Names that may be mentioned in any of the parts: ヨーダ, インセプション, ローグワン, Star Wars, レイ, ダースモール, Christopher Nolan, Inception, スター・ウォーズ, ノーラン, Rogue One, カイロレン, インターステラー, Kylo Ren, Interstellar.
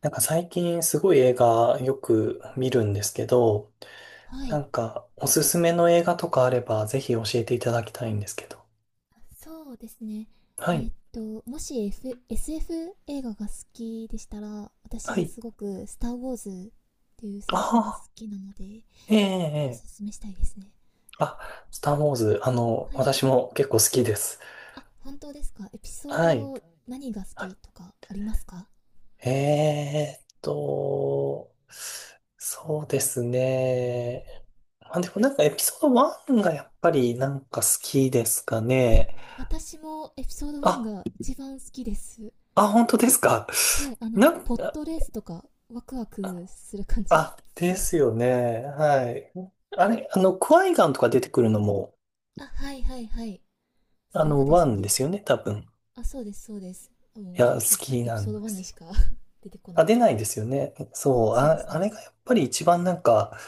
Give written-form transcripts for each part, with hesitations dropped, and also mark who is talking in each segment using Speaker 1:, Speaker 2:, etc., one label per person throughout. Speaker 1: 最近すごい映画よく見るんですけど、
Speaker 2: はい。
Speaker 1: おすすめの映画とかあればぜひ教えていただきたいんですけど。
Speaker 2: そうですね。
Speaker 1: はい。
Speaker 2: もし、SF 映画が好きでしたら、私
Speaker 1: は
Speaker 2: が
Speaker 1: い。
Speaker 2: すごく、スター・ウォーズっていう
Speaker 1: あ
Speaker 2: 作品が好
Speaker 1: あ、
Speaker 2: きなので、
Speaker 1: ええ、
Speaker 2: お
Speaker 1: ええ。
Speaker 2: すすめしたいですね。
Speaker 1: あ、スター・ウォーズ、
Speaker 2: はい。
Speaker 1: 私も結構好きです。
Speaker 2: あ、本当ですか？エピソー
Speaker 1: はい。
Speaker 2: ド何が好き
Speaker 1: は
Speaker 2: とかありますか？
Speaker 1: い、そうですね。まあ、でもエピソード1がやっぱり好きですか
Speaker 2: え、
Speaker 1: ね。
Speaker 2: 私もエピソード1
Speaker 1: あ、
Speaker 2: が一番好きです。
Speaker 1: あ、本当ですか。
Speaker 2: はい、
Speaker 1: なん
Speaker 2: ポッ
Speaker 1: か、
Speaker 2: トレースとか、ワクワクする感じが好
Speaker 1: あ、で
Speaker 2: きで
Speaker 1: す
Speaker 2: す。
Speaker 1: よね。はい。あれ、クワイガンとか出てくるのも、
Speaker 2: あ、はいはいはい。そうで
Speaker 1: ワ
Speaker 2: す
Speaker 1: ンで
Speaker 2: ね。
Speaker 1: すよね、多分。
Speaker 2: あ、そうです、そうです。
Speaker 1: い
Speaker 2: も
Speaker 1: や、
Speaker 2: う、い
Speaker 1: 好き
Speaker 2: エピ
Speaker 1: な
Speaker 2: ソ
Speaker 1: ん
Speaker 2: ー
Speaker 1: で
Speaker 2: ド1
Speaker 1: す
Speaker 2: に
Speaker 1: よ。
Speaker 2: しか 出てこな
Speaker 1: あ、出
Speaker 2: い。
Speaker 1: ないですよね。そう、
Speaker 2: そうで
Speaker 1: あ、
Speaker 2: す
Speaker 1: あれ
Speaker 2: ね。
Speaker 1: がやっぱり一番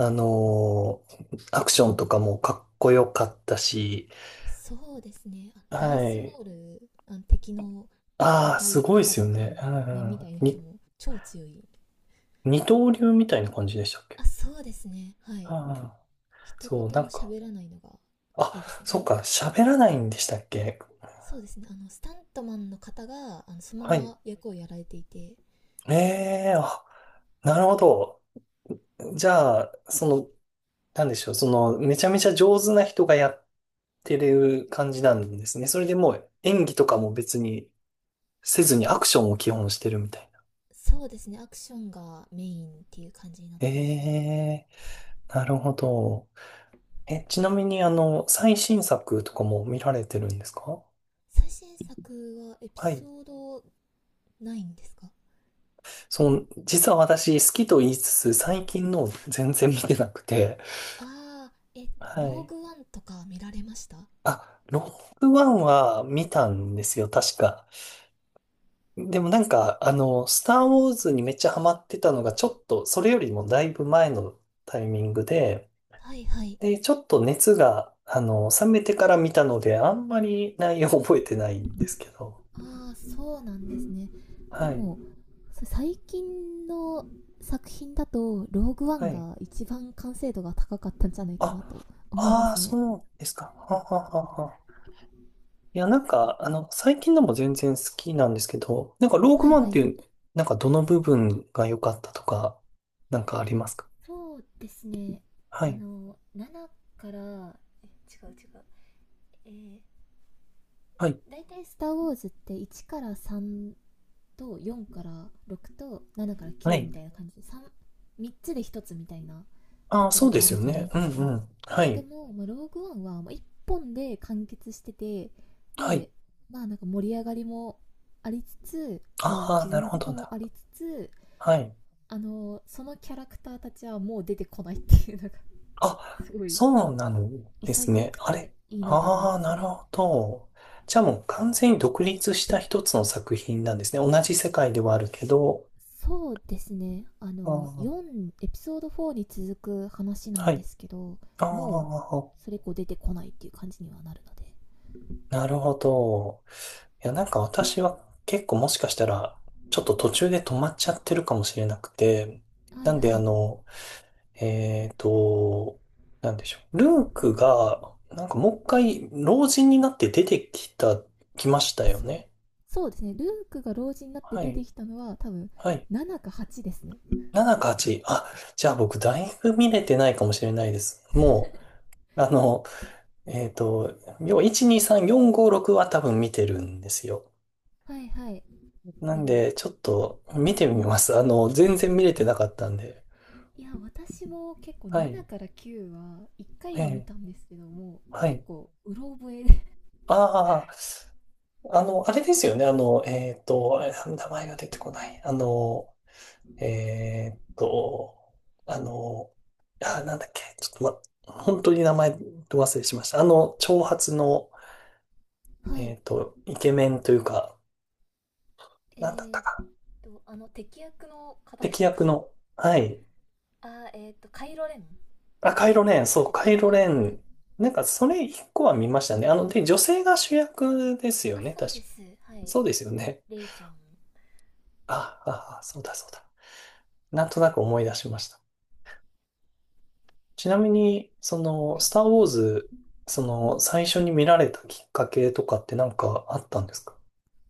Speaker 1: アクションとかもかっこよかったし、
Speaker 2: そうですね。あ、ダー
Speaker 1: は
Speaker 2: スモ
Speaker 1: い。
Speaker 2: ール、あの敵の
Speaker 1: ああ、
Speaker 2: 赤
Speaker 1: す
Speaker 2: い、
Speaker 1: ごいで
Speaker 2: 赤
Speaker 1: す
Speaker 2: と
Speaker 1: よ
Speaker 2: 黒
Speaker 1: ね。
Speaker 2: の
Speaker 1: うん
Speaker 2: 面み
Speaker 1: う
Speaker 2: たいな
Speaker 1: ん、
Speaker 2: 人も超強い。
Speaker 1: 二刀流みたいな感じでしたっけ？
Speaker 2: あ、そうですね。はい。
Speaker 1: ああ、
Speaker 2: 一
Speaker 1: そう、
Speaker 2: 言も喋らないのが
Speaker 1: あ、
Speaker 2: いいです
Speaker 1: そ
Speaker 2: ね。
Speaker 1: うか、喋らないんでしたっけ？
Speaker 2: そうですね。あの、スタントマンの方が、その
Speaker 1: は
Speaker 2: ま
Speaker 1: い
Speaker 2: ま役をやられていて、
Speaker 1: ええあ、なるほど。じゃあ、その、なんでしょう、その、めちゃめちゃ上手な人がやってる感じなんですね。それでもう演技とかも別にせずにアクションを基本してるみたいな。
Speaker 2: そうですね。アクションがメインっていう感じになっ
Speaker 1: え
Speaker 2: てますね。
Speaker 1: えなるほど。え、ちなみに最新作とかも見られてるんですか？
Speaker 2: 最新作はエピ
Speaker 1: はい。
Speaker 2: ソードないんですか？
Speaker 1: その、実は私好きと言いつつ、最近の全然見てなくて。
Speaker 2: ああ、え、ロ
Speaker 1: は
Speaker 2: ー
Speaker 1: い。
Speaker 2: グワンとか見られました？
Speaker 1: あ、ロックワンは見たんですよ、確か。でもスター・ウォーズにめっちゃハマってたのが、ちょっと、それよりもだいぶ前のタイミングで、
Speaker 2: はいはい。
Speaker 1: で、ちょっと熱が、冷めてから見たので、あんまり内容覚えてないんですけど。
Speaker 2: ああ、そうなんですね。で
Speaker 1: はい、
Speaker 2: も、最近の作品だと、ローグワ
Speaker 1: は
Speaker 2: ン
Speaker 1: い。
Speaker 2: が一番完成度が高かったんじゃないか
Speaker 1: あ、
Speaker 2: なと思いま
Speaker 1: ああ、
Speaker 2: すね。
Speaker 1: そうですか。はははは。いや、最近のも全然好きなんですけど、ローグ
Speaker 2: はい
Speaker 1: マンっ
Speaker 2: は
Speaker 1: て
Speaker 2: い。
Speaker 1: いう、どの部分が良かったとか、ありますか？
Speaker 2: そうですね。
Speaker 1: は
Speaker 2: あ
Speaker 1: い、
Speaker 2: の、7から、え違う違う。えー、
Speaker 1: はい、
Speaker 2: だいたいスター・ウォーズって1から3と4から6と7から
Speaker 1: は
Speaker 2: 9み
Speaker 1: い。
Speaker 2: たいな感じで、 3つで1つみたいな
Speaker 1: あ
Speaker 2: と
Speaker 1: あ、
Speaker 2: こ
Speaker 1: そ
Speaker 2: ろ
Speaker 1: うで
Speaker 2: があ
Speaker 1: す
Speaker 2: る
Speaker 1: よ
Speaker 2: じゃない
Speaker 1: ね。う
Speaker 2: で
Speaker 1: ん、
Speaker 2: す
Speaker 1: う
Speaker 2: か。
Speaker 1: ん。は
Speaker 2: で
Speaker 1: い。
Speaker 2: も、まあ、ローグワンは1本で完結してて、
Speaker 1: はい。
Speaker 2: で、まあ、なんか盛り上がりもありつつ、まあ
Speaker 1: ああ、なる
Speaker 2: 絆
Speaker 1: ほ
Speaker 2: とか
Speaker 1: ど、なる
Speaker 2: も
Speaker 1: ほ
Speaker 2: あ
Speaker 1: ど。
Speaker 2: りつつ、
Speaker 1: はい。
Speaker 2: そのキャラクターたちはもう出てこないっていうのが
Speaker 1: あ、
Speaker 2: すごい
Speaker 1: そうなんです
Speaker 2: 潔
Speaker 1: ね。
Speaker 2: く
Speaker 1: あ
Speaker 2: て
Speaker 1: れ
Speaker 2: いいなと思い
Speaker 1: ああ
Speaker 2: ま
Speaker 1: ー、
Speaker 2: す
Speaker 1: なる
Speaker 2: ね。
Speaker 1: ほど。じゃあもう完全に独立した一つの作品なんですね。同じ世界ではあるけど。
Speaker 2: そうですね。あ
Speaker 1: あ
Speaker 2: の
Speaker 1: ー
Speaker 2: 4エピソード4に続く話な
Speaker 1: は
Speaker 2: んで
Speaker 1: い。
Speaker 2: すけど、
Speaker 1: あ
Speaker 2: も
Speaker 1: あ、
Speaker 2: うそれ以降出てこないっていう感じにはなるので。
Speaker 1: なるほど。いや、なんか私は結構もしかしたら、ちょっと途中で止まっちゃってるかもしれなくて。
Speaker 2: は
Speaker 1: な
Speaker 2: い
Speaker 1: ん
Speaker 2: は
Speaker 1: で、
Speaker 2: い。
Speaker 1: えーと、なんでしょう。ルークが、もう一回、老人になって出てきた、来ました
Speaker 2: あ、
Speaker 1: よね。
Speaker 2: そうですね。ルークが老人になって
Speaker 1: は
Speaker 2: 出て
Speaker 1: い。
Speaker 2: きたのは多分
Speaker 1: はい。
Speaker 2: 7か8ですね。
Speaker 1: 7か8。あ、じゃあ僕、だいぶ見れてないかもしれないです。もう、あの、えーと、要は1、2、3、4、5、6は多分見てるんですよ。
Speaker 2: はいはい。
Speaker 1: な
Speaker 2: で
Speaker 1: ん
Speaker 2: も、
Speaker 1: で、ちょっと見てみます。全然見れてなかったんで。
Speaker 2: いや、私も結構
Speaker 1: は
Speaker 2: 7
Speaker 1: い。
Speaker 2: から9は1回
Speaker 1: え
Speaker 2: は見
Speaker 1: え
Speaker 2: たんですけども、
Speaker 1: は
Speaker 2: 結
Speaker 1: い。
Speaker 2: 構うろ覚えで
Speaker 1: ああの、あれですよね。あれ名前が出てこない。えっと、あの、あ、なんだっけ。ちょっと、ま、本当に名前忘れしました。長髪の、
Speaker 2: はい。
Speaker 1: イケメンというか、
Speaker 2: え
Speaker 1: なんだった
Speaker 2: ー、っ
Speaker 1: か。
Speaker 2: あの敵役の方で
Speaker 1: 敵
Speaker 2: すか？
Speaker 1: 役の、はい。
Speaker 2: あー、えっ、ーと、カイロレンで
Speaker 1: あ、
Speaker 2: すか？合
Speaker 1: カイロレン、
Speaker 2: っ
Speaker 1: そう、
Speaker 2: てる？
Speaker 1: カイ
Speaker 2: あ
Speaker 1: ロレ
Speaker 2: ー、はい。
Speaker 1: ン。それ一個は見ましたね。あの、女性が主役ですよ
Speaker 2: あ、
Speaker 1: ね。
Speaker 2: そう
Speaker 1: 確か。
Speaker 2: です。はい。
Speaker 1: そうですよね。
Speaker 2: レイちゃん。は
Speaker 1: あ、あ、あそうだ、そうだ。なんとなく思い出しました。ちなみに、その、スター・ウ
Speaker 2: い。
Speaker 1: ォーズ、その、最初に見られたきっかけとかってあったんですか？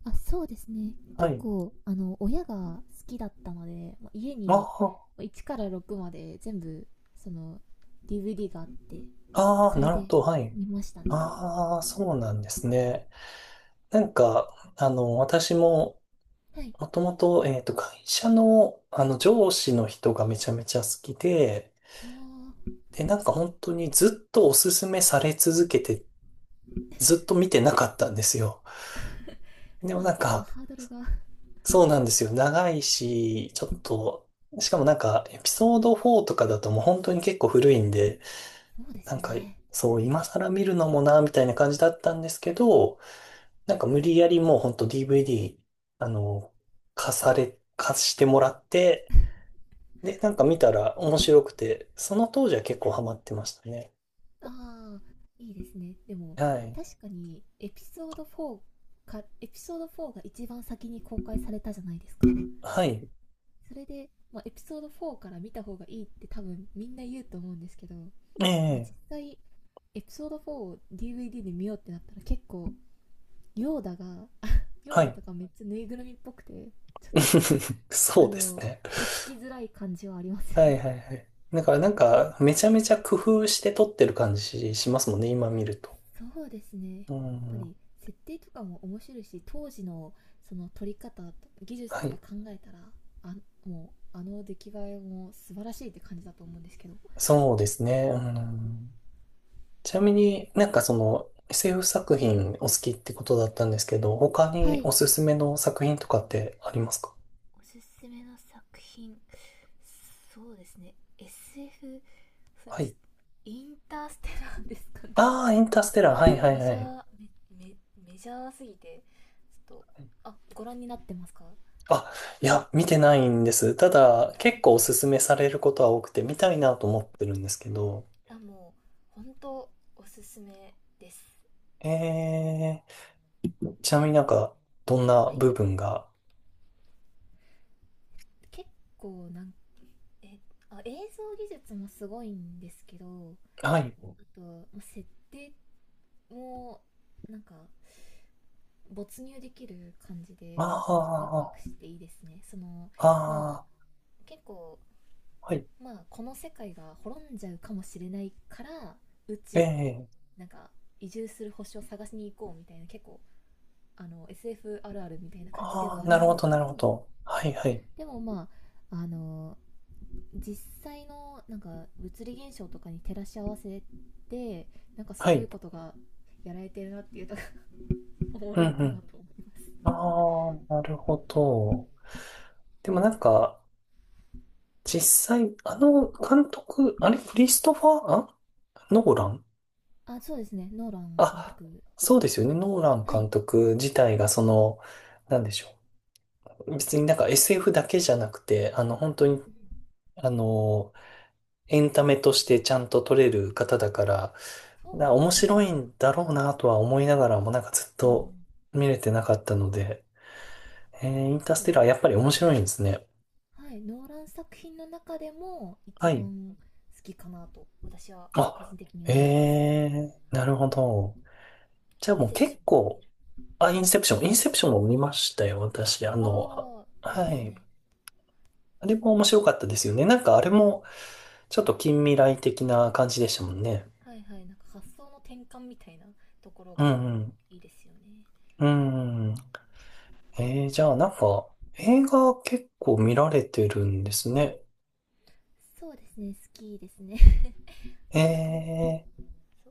Speaker 2: あ、そうですね。
Speaker 1: は
Speaker 2: 結
Speaker 1: い。
Speaker 2: 構あの親が好きだったので、まあ家に
Speaker 1: あ
Speaker 2: 1から6まで全部その DVD があって、
Speaker 1: あ、ああ、
Speaker 2: そ
Speaker 1: な
Speaker 2: れ
Speaker 1: るほ
Speaker 2: で
Speaker 1: ど、はい。
Speaker 2: 見ましたね。
Speaker 1: ああ、そうなんですね。私も、
Speaker 2: はい。
Speaker 1: もともと、会社の、上司の人がめちゃめちゃ好きで、
Speaker 2: ああ、
Speaker 1: で、本当にずっとおすすめされ続けて、ずっと見てなかったんですよ。で
Speaker 2: そ
Speaker 1: も
Speaker 2: うで
Speaker 1: な
Speaker 2: す。
Speaker 1: ん
Speaker 2: ちょっと
Speaker 1: か、
Speaker 2: ハードルが。
Speaker 1: そうなんですよ。長いし、ちょっと、しかもエピソード4とかだともう本当に結構古いんで、
Speaker 2: そうです
Speaker 1: なんか、
Speaker 2: ね。
Speaker 1: そう、今更見るのもな、みたいな感じだったんですけど、無理やりもう本当 DVD、あの、貸され、貸してもらって、で、見たら面白くて、その当時は結構ハマってましたね。
Speaker 2: ああ、いいですね。でも、
Speaker 1: はい。
Speaker 2: 確かに、エピソード4が一番先に公開されたじゃないですか。
Speaker 1: はい。
Speaker 2: それで、まあ、エピソード4から見た方がいいって多分みんな言うと思うんですけど、なんか
Speaker 1: ええ、
Speaker 2: 実際、エピソード4を DVD で見ようってなったら結構、ヨーダが ヨー
Speaker 1: は
Speaker 2: ダ
Speaker 1: い。
Speaker 2: とかめっちゃぬいぐるみっぽくて、ちょっと
Speaker 1: そ
Speaker 2: あ
Speaker 1: うです
Speaker 2: の、
Speaker 1: ね。
Speaker 2: とっつきづらい感じはありますよ
Speaker 1: は
Speaker 2: ね。
Speaker 1: いはいはい。だからめちゃめちゃ工夫して撮ってる感じしますもんね、今見ると。
Speaker 2: そうですね。やっ
Speaker 1: う
Speaker 2: ぱ
Speaker 1: ん。
Speaker 2: り、設定とかも面白いし、当時のその撮り方、技術と
Speaker 1: は
Speaker 2: か
Speaker 1: い。
Speaker 2: 考えたら、あ、もう、あの出来栄えも素晴らしいって感じだと思うんですけど。
Speaker 1: そうですね。うん。ちなみにその SF 作品お好きってことだったんですけど、他
Speaker 2: は
Speaker 1: に
Speaker 2: い、
Speaker 1: おすすめの作品とかってありますか？
Speaker 2: おすすめの作品、そうですね。 SF そう
Speaker 1: は
Speaker 2: じ
Speaker 1: い。
Speaker 2: インターステラーですかね。
Speaker 1: ああ、インターステラー。はいはい
Speaker 2: メ
Speaker 1: は
Speaker 2: ジャ
Speaker 1: い。
Speaker 2: ーメメメジャーすぎて、ちょっと、あ、ご覧になってますか？
Speaker 1: あ、いや、見てないんです。た
Speaker 2: あ、
Speaker 1: だ、
Speaker 2: そうなん
Speaker 1: 結
Speaker 2: です
Speaker 1: 構お
Speaker 2: か？
Speaker 1: すすめされることは多くて、見たいなと思ってるんですけど、
Speaker 2: あ、もう本当おすすめです。
Speaker 1: えー、ちな
Speaker 2: な
Speaker 1: み
Speaker 2: ん
Speaker 1: に
Speaker 2: か、
Speaker 1: どんな
Speaker 2: はい、
Speaker 1: 部分が
Speaker 2: 結構、なんえあ映像技術もすごいんですけど、
Speaker 1: はい。
Speaker 2: あと、ま、設定もなんか没入できる感じで、なんかワ
Speaker 1: あ
Speaker 2: クワクしていいですね。その、
Speaker 1: あ、
Speaker 2: まあ
Speaker 1: ああ、
Speaker 2: 結構、
Speaker 1: はい。
Speaker 2: まあこの世界が滅んじゃうかもしれないから宇
Speaker 1: え
Speaker 2: 宙に
Speaker 1: え、
Speaker 2: なんか移住する星を探しに行こうみたいな、結構あの SF あるあるみたいな感じで
Speaker 1: ああ、
Speaker 2: はある
Speaker 1: なる
Speaker 2: ん
Speaker 1: ほ
Speaker 2: です
Speaker 1: ど、
Speaker 2: け
Speaker 1: なる
Speaker 2: ど。
Speaker 1: ほど。はい、はい、
Speaker 2: でも、まあ、あの実際のなんか物理現象とかに照らし合わせて、なんかす
Speaker 1: は
Speaker 2: ごい
Speaker 1: い。
Speaker 2: ことがやられてるなっていうところが おも
Speaker 1: うん、
Speaker 2: ろいか
Speaker 1: う
Speaker 2: な
Speaker 1: ん。
Speaker 2: と思いま
Speaker 1: あ
Speaker 2: す。
Speaker 1: あ、なるほど。でも実際、あの監督、あれ、クリストファー、あノーラン
Speaker 2: あ、そうですね。ノーラン監
Speaker 1: あ、
Speaker 2: 督。
Speaker 1: そうですよね。ノーラン
Speaker 2: はい、
Speaker 1: 監督自体が、その、なんでしょう。別にSF だけじゃなくて、本当に、あの、エンタメとしてちゃんと撮れる方だから、
Speaker 2: そう
Speaker 1: だ
Speaker 2: で
Speaker 1: 面
Speaker 2: す
Speaker 1: 白い
Speaker 2: ね。
Speaker 1: んだろうなとは思いながらも、なんかずっ
Speaker 2: う
Speaker 1: と
Speaker 2: ん、
Speaker 1: 見れてなかったので、えー、インタース
Speaker 2: そうで
Speaker 1: テラーやっぱり面白いんですね。
Speaker 2: す。はい、ノーラン作品の中でも
Speaker 1: は
Speaker 2: 一
Speaker 1: い。
Speaker 2: 番好きかなと私は個
Speaker 1: あ、
Speaker 2: 人的に
Speaker 1: え
Speaker 2: 思います。
Speaker 1: えー、なるほど。じゃあ
Speaker 2: イン
Speaker 1: もう
Speaker 2: セプショ
Speaker 1: 結
Speaker 2: ンとかい
Speaker 1: 構、
Speaker 2: る。
Speaker 1: あ、インセプション、インセプションも見ましたよ、私。あの、あ
Speaker 2: ああ、いいで
Speaker 1: は
Speaker 2: す
Speaker 1: い。
Speaker 2: ね。
Speaker 1: あ
Speaker 2: こ
Speaker 1: れ
Speaker 2: れ、
Speaker 1: も面白かったですよね。なんかあれ
Speaker 2: そうで
Speaker 1: も、
Speaker 2: すね。
Speaker 1: ちょっと近未来的な感じでしたもんね。
Speaker 2: はいはい、なんか発想の転換みたいなところ
Speaker 1: う
Speaker 2: が
Speaker 1: ん
Speaker 2: いいですよね。
Speaker 1: うん。うん。えー、じゃあ映画結構見られてるんですね。
Speaker 2: そうですね、好きですね。
Speaker 1: え
Speaker 2: あん
Speaker 1: ー
Speaker 2: そ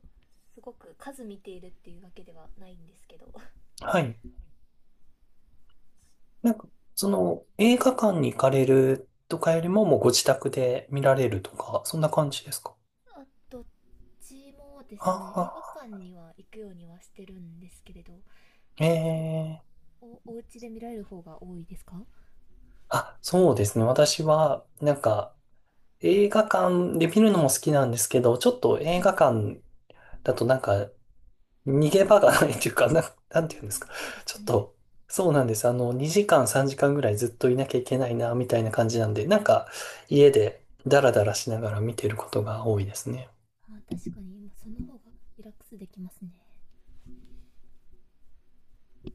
Speaker 2: すごく数見ているっていうわけではないんですけど
Speaker 1: はい。なんか、その、映画館に行かれるとかよりも、もうご自宅で見られるとか、そんな感じですか？
Speaker 2: あ、どっちもで
Speaker 1: あ
Speaker 2: すね。映画
Speaker 1: あ、
Speaker 2: 館には行くようにはしてるんですけれど、そう、
Speaker 1: ええ
Speaker 2: お家で見られる方が多いですか？は
Speaker 1: あ、そうですね。私は、映画館で見るのも好きなんですけど、ちょっと映
Speaker 2: い。
Speaker 1: 画館だと逃げ場がないというか、
Speaker 2: う
Speaker 1: なんていうんですか。
Speaker 2: ん、そうです
Speaker 1: ちょっ
Speaker 2: ね。
Speaker 1: と、そうなんです。あの、2時間、3時間ぐらいずっといなきゃいけないな、みたいな感じなんで、家でダラダラしながら見てることが多いですね。
Speaker 2: あ、確かに、今その方がリラックスできますね。